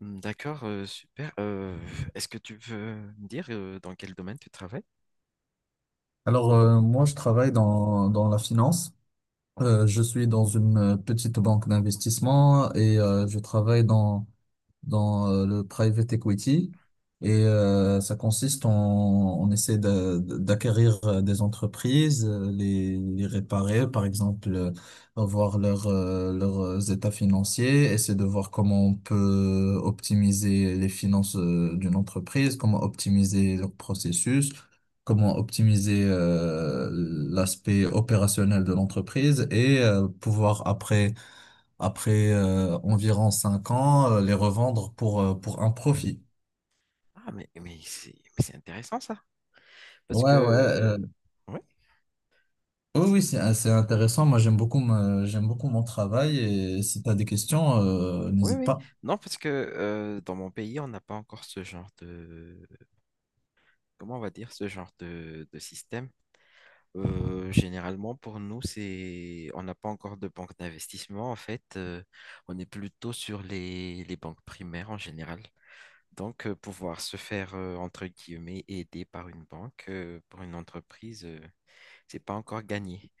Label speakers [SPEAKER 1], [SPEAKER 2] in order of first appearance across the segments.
[SPEAKER 1] Hmm, D'accord, super. Est-ce que tu veux me dire dans quel domaine tu travailles?
[SPEAKER 2] Alors, moi, je travaille dans la finance. Je suis dans une petite banque d'investissement et je travaille dans le private equity. Et ça consiste en, on essaie d'acquérir des entreprises, les réparer, par exemple, voir leurs états financiers, essayer de voir comment on peut optimiser les finances d'une entreprise, comment optimiser leur processus, comment optimiser l'aspect opérationnel de l'entreprise et pouvoir après environ 5 ans, les revendre pour un profit.
[SPEAKER 1] Ah, mais c'est intéressant ça. Parce que,
[SPEAKER 2] Ouais, ouais,
[SPEAKER 1] ouais,
[SPEAKER 2] oui, oui,
[SPEAKER 1] c'est,
[SPEAKER 2] c'est, euh, c'est intéressant. Moi, j'aime j'aime beaucoup mon travail et si tu as des questions,
[SPEAKER 1] oui,
[SPEAKER 2] n'hésite
[SPEAKER 1] oui.
[SPEAKER 2] pas.
[SPEAKER 1] Non, parce que dans mon pays, on n'a pas encore ce genre de, comment on va dire, ce genre de système. Généralement, pour nous, c'est, on n'a pas encore de banque d'investissement. En fait, on est plutôt sur les banques primaires en général. Donc, pouvoir se faire, entre guillemets, aider par une banque, pour une entreprise, c'est pas encore gagné.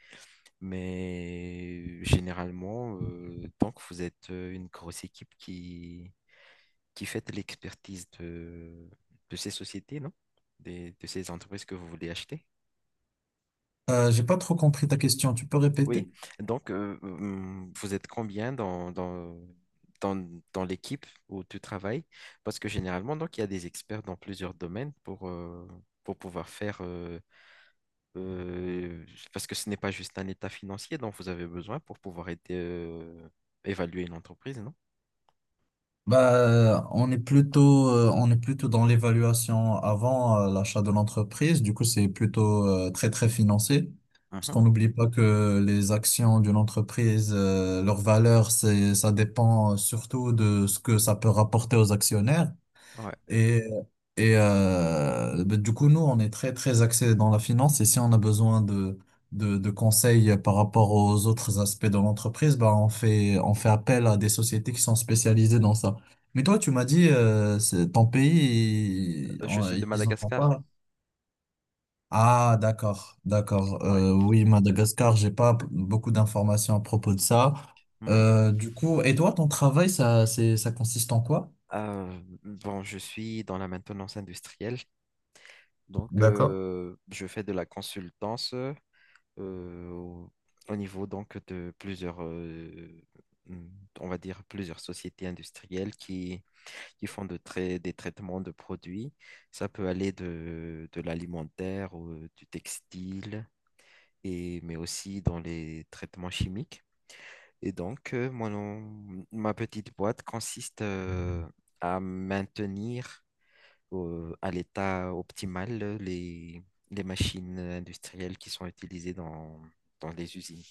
[SPEAKER 1] Mais généralement, tant que vous êtes une grosse équipe qui fait de l'expertise de ces sociétés, non? De ces entreprises que vous voulez acheter.
[SPEAKER 2] J'ai pas trop compris ta question. Tu peux
[SPEAKER 1] Oui,
[SPEAKER 2] répéter?
[SPEAKER 1] donc vous êtes combien dans, dans l'équipe où tu travailles? Parce que généralement, donc, il y a des experts dans plusieurs domaines pour pouvoir faire, euh, parce que ce n'est pas juste un état financier dont vous avez besoin pour pouvoir aider, évaluer une entreprise, non?
[SPEAKER 2] Bah, on est on est plutôt dans l'évaluation avant l'achat de l'entreprise. Du coup, c'est plutôt très, très financé. Parce
[SPEAKER 1] Mhm.
[SPEAKER 2] qu'on n'oublie pas que les actions d'une entreprise, leur valeur, ça dépend surtout de ce que ça peut rapporter aux actionnaires.
[SPEAKER 1] Ouais.
[SPEAKER 2] Et, ben, du coup, nous, on est très, très axé dans la finance. Et si on a besoin de conseils par rapport aux autres aspects de l'entreprise, ben, on fait appel à des sociétés qui sont spécialisées dans ça. Mais toi, tu m'as dit, c'est ton pays,
[SPEAKER 1] Je suis de
[SPEAKER 2] ils en ont
[SPEAKER 1] Madagascar.
[SPEAKER 2] pas. Ah, d'accord, d'accord.
[SPEAKER 1] Ouais.
[SPEAKER 2] Oui, Madagascar, j'ai pas p- beaucoup d'informations à propos de ça.
[SPEAKER 1] Mhm.
[SPEAKER 2] Du coup, et toi, ton travail, ça consiste en quoi?
[SPEAKER 1] Bon, je suis dans la maintenance industrielle, donc
[SPEAKER 2] D'accord.
[SPEAKER 1] je fais de la consultance. euh, au au niveau donc de plusieurs, hum, on va dire plusieurs sociétés industrielles qui font de des traitements de produits. Ça peut aller de l'alimentaire, ou, du textile, et, mais aussi dans les traitements chimiques. Et donc, ma petite boîte consiste à maintenir à l'état optimal les machines industrielles qui sont utilisées dans dans les usines.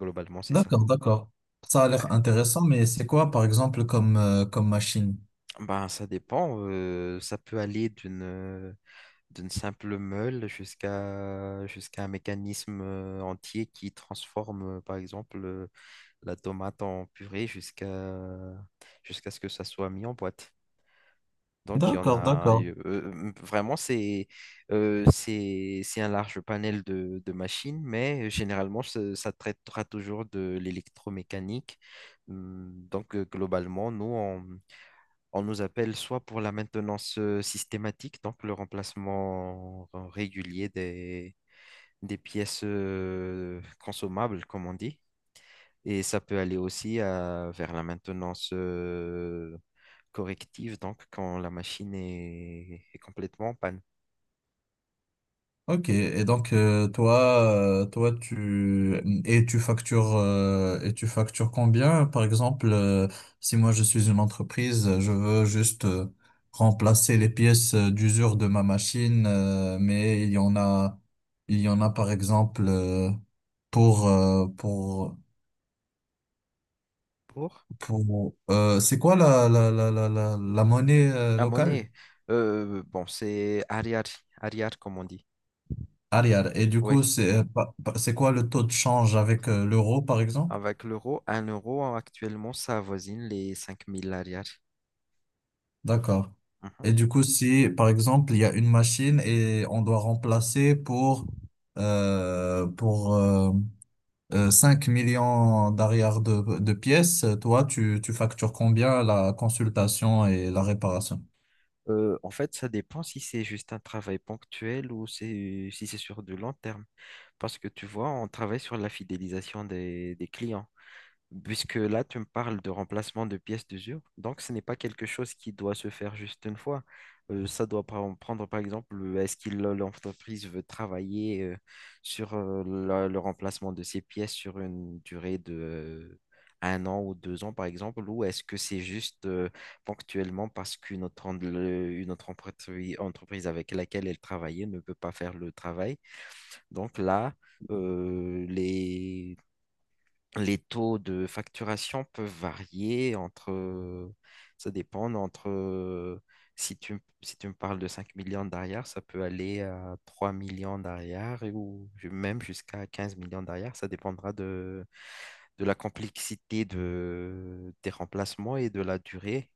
[SPEAKER 1] Globalement, c'est ça.
[SPEAKER 2] D'accord, d'accord. Ça a l'air
[SPEAKER 1] Ouais.
[SPEAKER 2] intéressant, mais c'est quoi, par exemple, comme machine?
[SPEAKER 1] Ben, ça dépend. Ça peut aller d'une d'une simple meule jusqu'à un mécanisme entier qui transforme, par exemple, la tomate en purée jusqu'à jusqu'à ce que ça soit mis en boîte. Donc, il y en
[SPEAKER 2] D'accord,
[SPEAKER 1] a
[SPEAKER 2] d'accord.
[SPEAKER 1] vraiment, c'est un large panel de machines, mais généralement, ça traitera toujours de l'électromécanique. Donc, globalement, nous, on nous appelle soit pour la maintenance systématique, donc le remplacement régulier des pièces consommables, comme on dit. Et ça peut aller aussi vers la maintenance corrective, donc quand la machine est, est complètement en panne.
[SPEAKER 2] Ok, et donc toi, tu factures tu factures combien? Par exemple, si moi je suis une entreprise, je veux juste remplacer les pièces d'usure de ma machine, il y en a par exemple pour euh, pour
[SPEAKER 1] Pour
[SPEAKER 2] Pour, euh, c'est quoi la monnaie
[SPEAKER 1] la
[SPEAKER 2] locale?
[SPEAKER 1] monnaie, bon, c'est arrière, arrière, comme on dit.
[SPEAKER 2] Arrière. Et du
[SPEAKER 1] Oui,
[SPEAKER 2] coup, c'est c'est quoi le taux de change avec l'euro, par exemple?
[SPEAKER 1] avec l'euro, un euro actuellement, ça avoisine les 5 000 arrière.
[SPEAKER 2] D'accord. Et du coup, si, par exemple, il y a une machine et on doit remplacer pour 5 millions d'arrière de pièces, tu factures combien la consultation et la réparation?
[SPEAKER 1] En fait, ça dépend si c'est juste un travail ponctuel ou c'est, si c'est sur du long terme. Parce que tu vois, on travaille sur la fidélisation des clients. Puisque là, tu me parles de remplacement de pièces d'usure, donc ce n'est pas quelque chose qui doit se faire juste une fois. Ça doit prendre, par exemple, est-ce que l'entreprise veut travailler sur le remplacement de ces pièces sur une durée de 1 an ou 2 ans, par exemple, ou est-ce que c'est juste ponctuellement parce qu'une autre, une autre entreprise avec laquelle elle travaillait ne peut pas faire le travail. Donc là, euh, les les taux de facturation peuvent varier entre, ça dépend entre, si tu, si tu me parles de 5 millions d'arrière, ça peut aller à 3 millions d'arrière et ou même jusqu'à 15 millions d'arrière. Ça dépendra de la complexité de, des remplacements et de la durée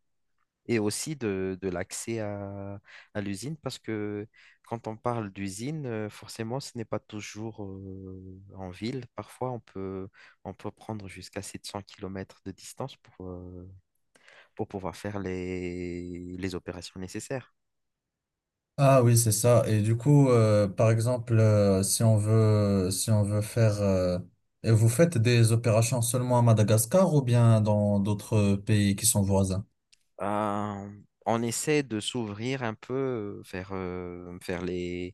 [SPEAKER 1] et aussi de l'accès à l'usine, parce que quand on parle d'usine, forcément, ce n'est pas toujours en ville. Parfois, on peut prendre jusqu'à 700 kilomètres de distance pour pouvoir faire les opérations nécessaires.
[SPEAKER 2] Ah oui, c'est ça. Et du coup, par exemple, si on veut faire, et vous faites des opérations seulement à Madagascar ou bien dans d'autres pays qui sont voisins?
[SPEAKER 1] Euh, on essaie de s'ouvrir un peu vers, vers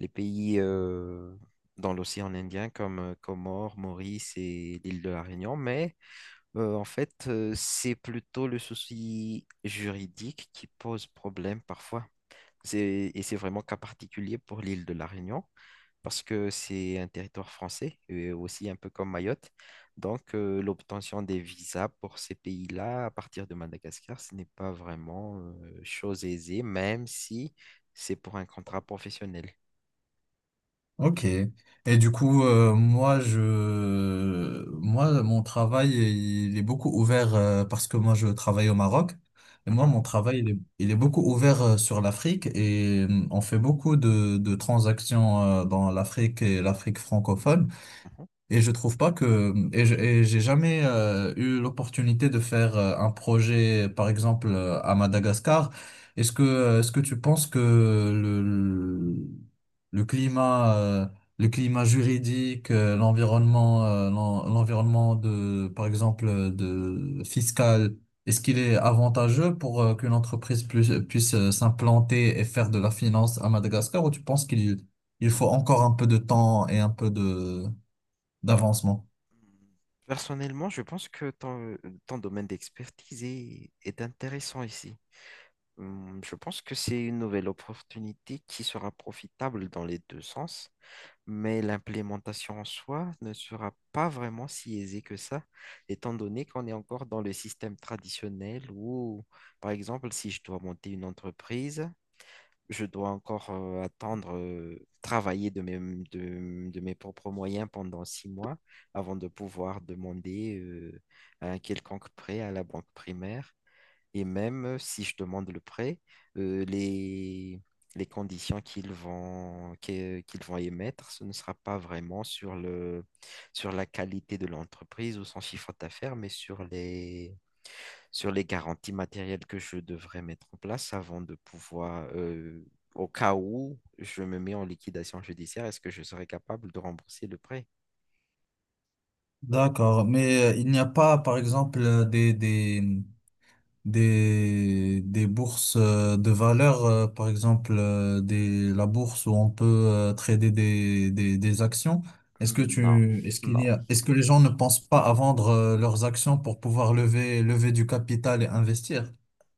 [SPEAKER 1] les pays dans l'océan Indien comme Comores, Maurice et l'île de la Réunion, mais en fait, c'est plutôt le souci juridique qui pose problème parfois. C'est, et c'est vraiment cas particulier pour l'île de la Réunion, parce que c'est un territoire français, et aussi un peu comme Mayotte. Donc, l'obtention des visas pour ces pays-là, à partir de Madagascar, ce n'est pas vraiment chose aisée, même si c'est pour un contrat professionnel.
[SPEAKER 2] Ok. Et du coup, moi, mon travail, il est beaucoup ouvert parce que moi, je travaille au Maroc. Et moi,
[SPEAKER 1] Mhm,
[SPEAKER 2] mon travail, il est beaucoup ouvert sur l'Afrique et on fait beaucoup de transactions dans l'Afrique et l'Afrique francophone.
[SPEAKER 1] mhm.
[SPEAKER 2] Et je trouve pas que j'ai jamais eu l'opportunité de faire un projet, par exemple à Madagascar. Est-ce que tu penses que le climat euh, le climat juridique, l'environnement de par exemple de fiscal, est-ce qu'il est avantageux pour qu'une entreprise puisse s'implanter et faire de la finance à Madagascar ou tu penses qu'il il faut encore un peu de temps et un peu de d'avancement.
[SPEAKER 1] Personnellement, je pense que ton, ton domaine d'expertise est intéressant ici. Je pense que c'est une nouvelle opportunité qui sera profitable dans les deux sens, mais l'implémentation en soi ne sera pas vraiment si aisée que ça, étant donné qu'on est encore dans le système traditionnel où, par exemple, si je dois monter une entreprise, je dois encore attendre, travailler de mes propres moyens pendant 6 mois avant de pouvoir demander un quelconque prêt à la banque primaire. Et même si je demande le prêt, euh, les, les conditions qu'ils vont, qu'ils vont émettre, ce ne sera pas vraiment sur le, sur la qualité de l'entreprise ou son chiffre d'affaires, mais sur les garanties matérielles que je devrais mettre en place avant de pouvoir, au cas où je me mets en liquidation judiciaire, est-ce que je serai capable de rembourser le prêt?
[SPEAKER 2] D'accord, mais il n'y a pas, par exemple, des bourses de valeur, la bourse où on peut trader des actions.
[SPEAKER 1] Non,
[SPEAKER 2] Est-ce qu'il
[SPEAKER 1] non.
[SPEAKER 2] y a, est-ce que les gens ne pensent pas à vendre leurs actions pour pouvoir lever du capital et investir?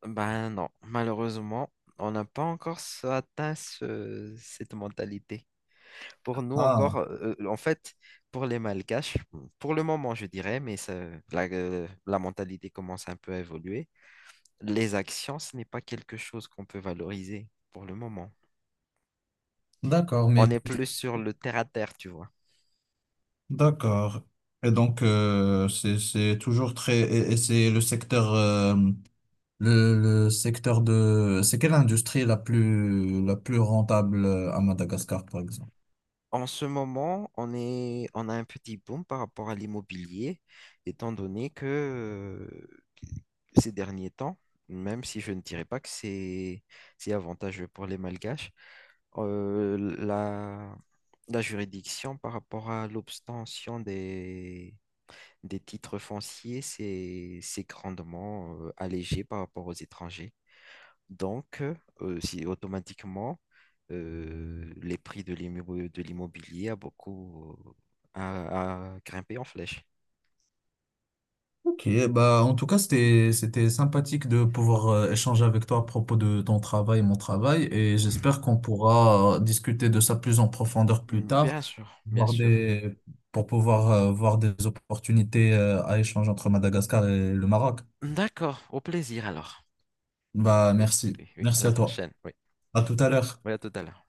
[SPEAKER 1] Ben non, malheureusement, on n'a pas encore atteint cette mentalité. Pour nous encore,
[SPEAKER 2] Ah,
[SPEAKER 1] en fait, pour les Malgaches, pour le moment, je dirais, mais la mentalité commence un peu à évoluer. Les actions, ce n'est pas quelque chose qu'on peut valoriser pour le moment.
[SPEAKER 2] d'accord,
[SPEAKER 1] On
[SPEAKER 2] mais
[SPEAKER 1] est plus sur le terre à terre, tu vois.
[SPEAKER 2] d'accord. Et donc, c'est toujours très, et c'est le secteur le secteur de... C'est quelle industrie la plus rentable à Madagascar, par exemple?
[SPEAKER 1] En ce moment, on est, on a un petit boom par rapport à l'immobilier, étant donné que ces derniers temps, même si je ne dirais pas que c'est avantageux pour les Malgaches, la, la juridiction par rapport à l'obtention des titres fonciers, c'est grandement allégé par rapport aux étrangers. Donc, si automatiquement, les prix de de l'immobilier a beaucoup a grimpé en flèche.
[SPEAKER 2] Ok, bah en tout cas, c'était sympathique de pouvoir échanger avec toi à propos de ton travail et mon travail, et j'espère qu'on pourra discuter de ça plus en profondeur plus
[SPEAKER 1] Bien
[SPEAKER 2] tard,
[SPEAKER 1] sûr, bien
[SPEAKER 2] voir
[SPEAKER 1] sûr.
[SPEAKER 2] des, pour pouvoir voir des opportunités à échanger entre Madagascar et le Maroc.
[SPEAKER 1] D'accord, au plaisir alors.
[SPEAKER 2] Bah
[SPEAKER 1] Oui,
[SPEAKER 2] merci,
[SPEAKER 1] oui, oui. À
[SPEAKER 2] merci
[SPEAKER 1] la
[SPEAKER 2] à toi.
[SPEAKER 1] prochaine. Oui.
[SPEAKER 2] À tout à l'heure.
[SPEAKER 1] Oui, à tout à l'heure.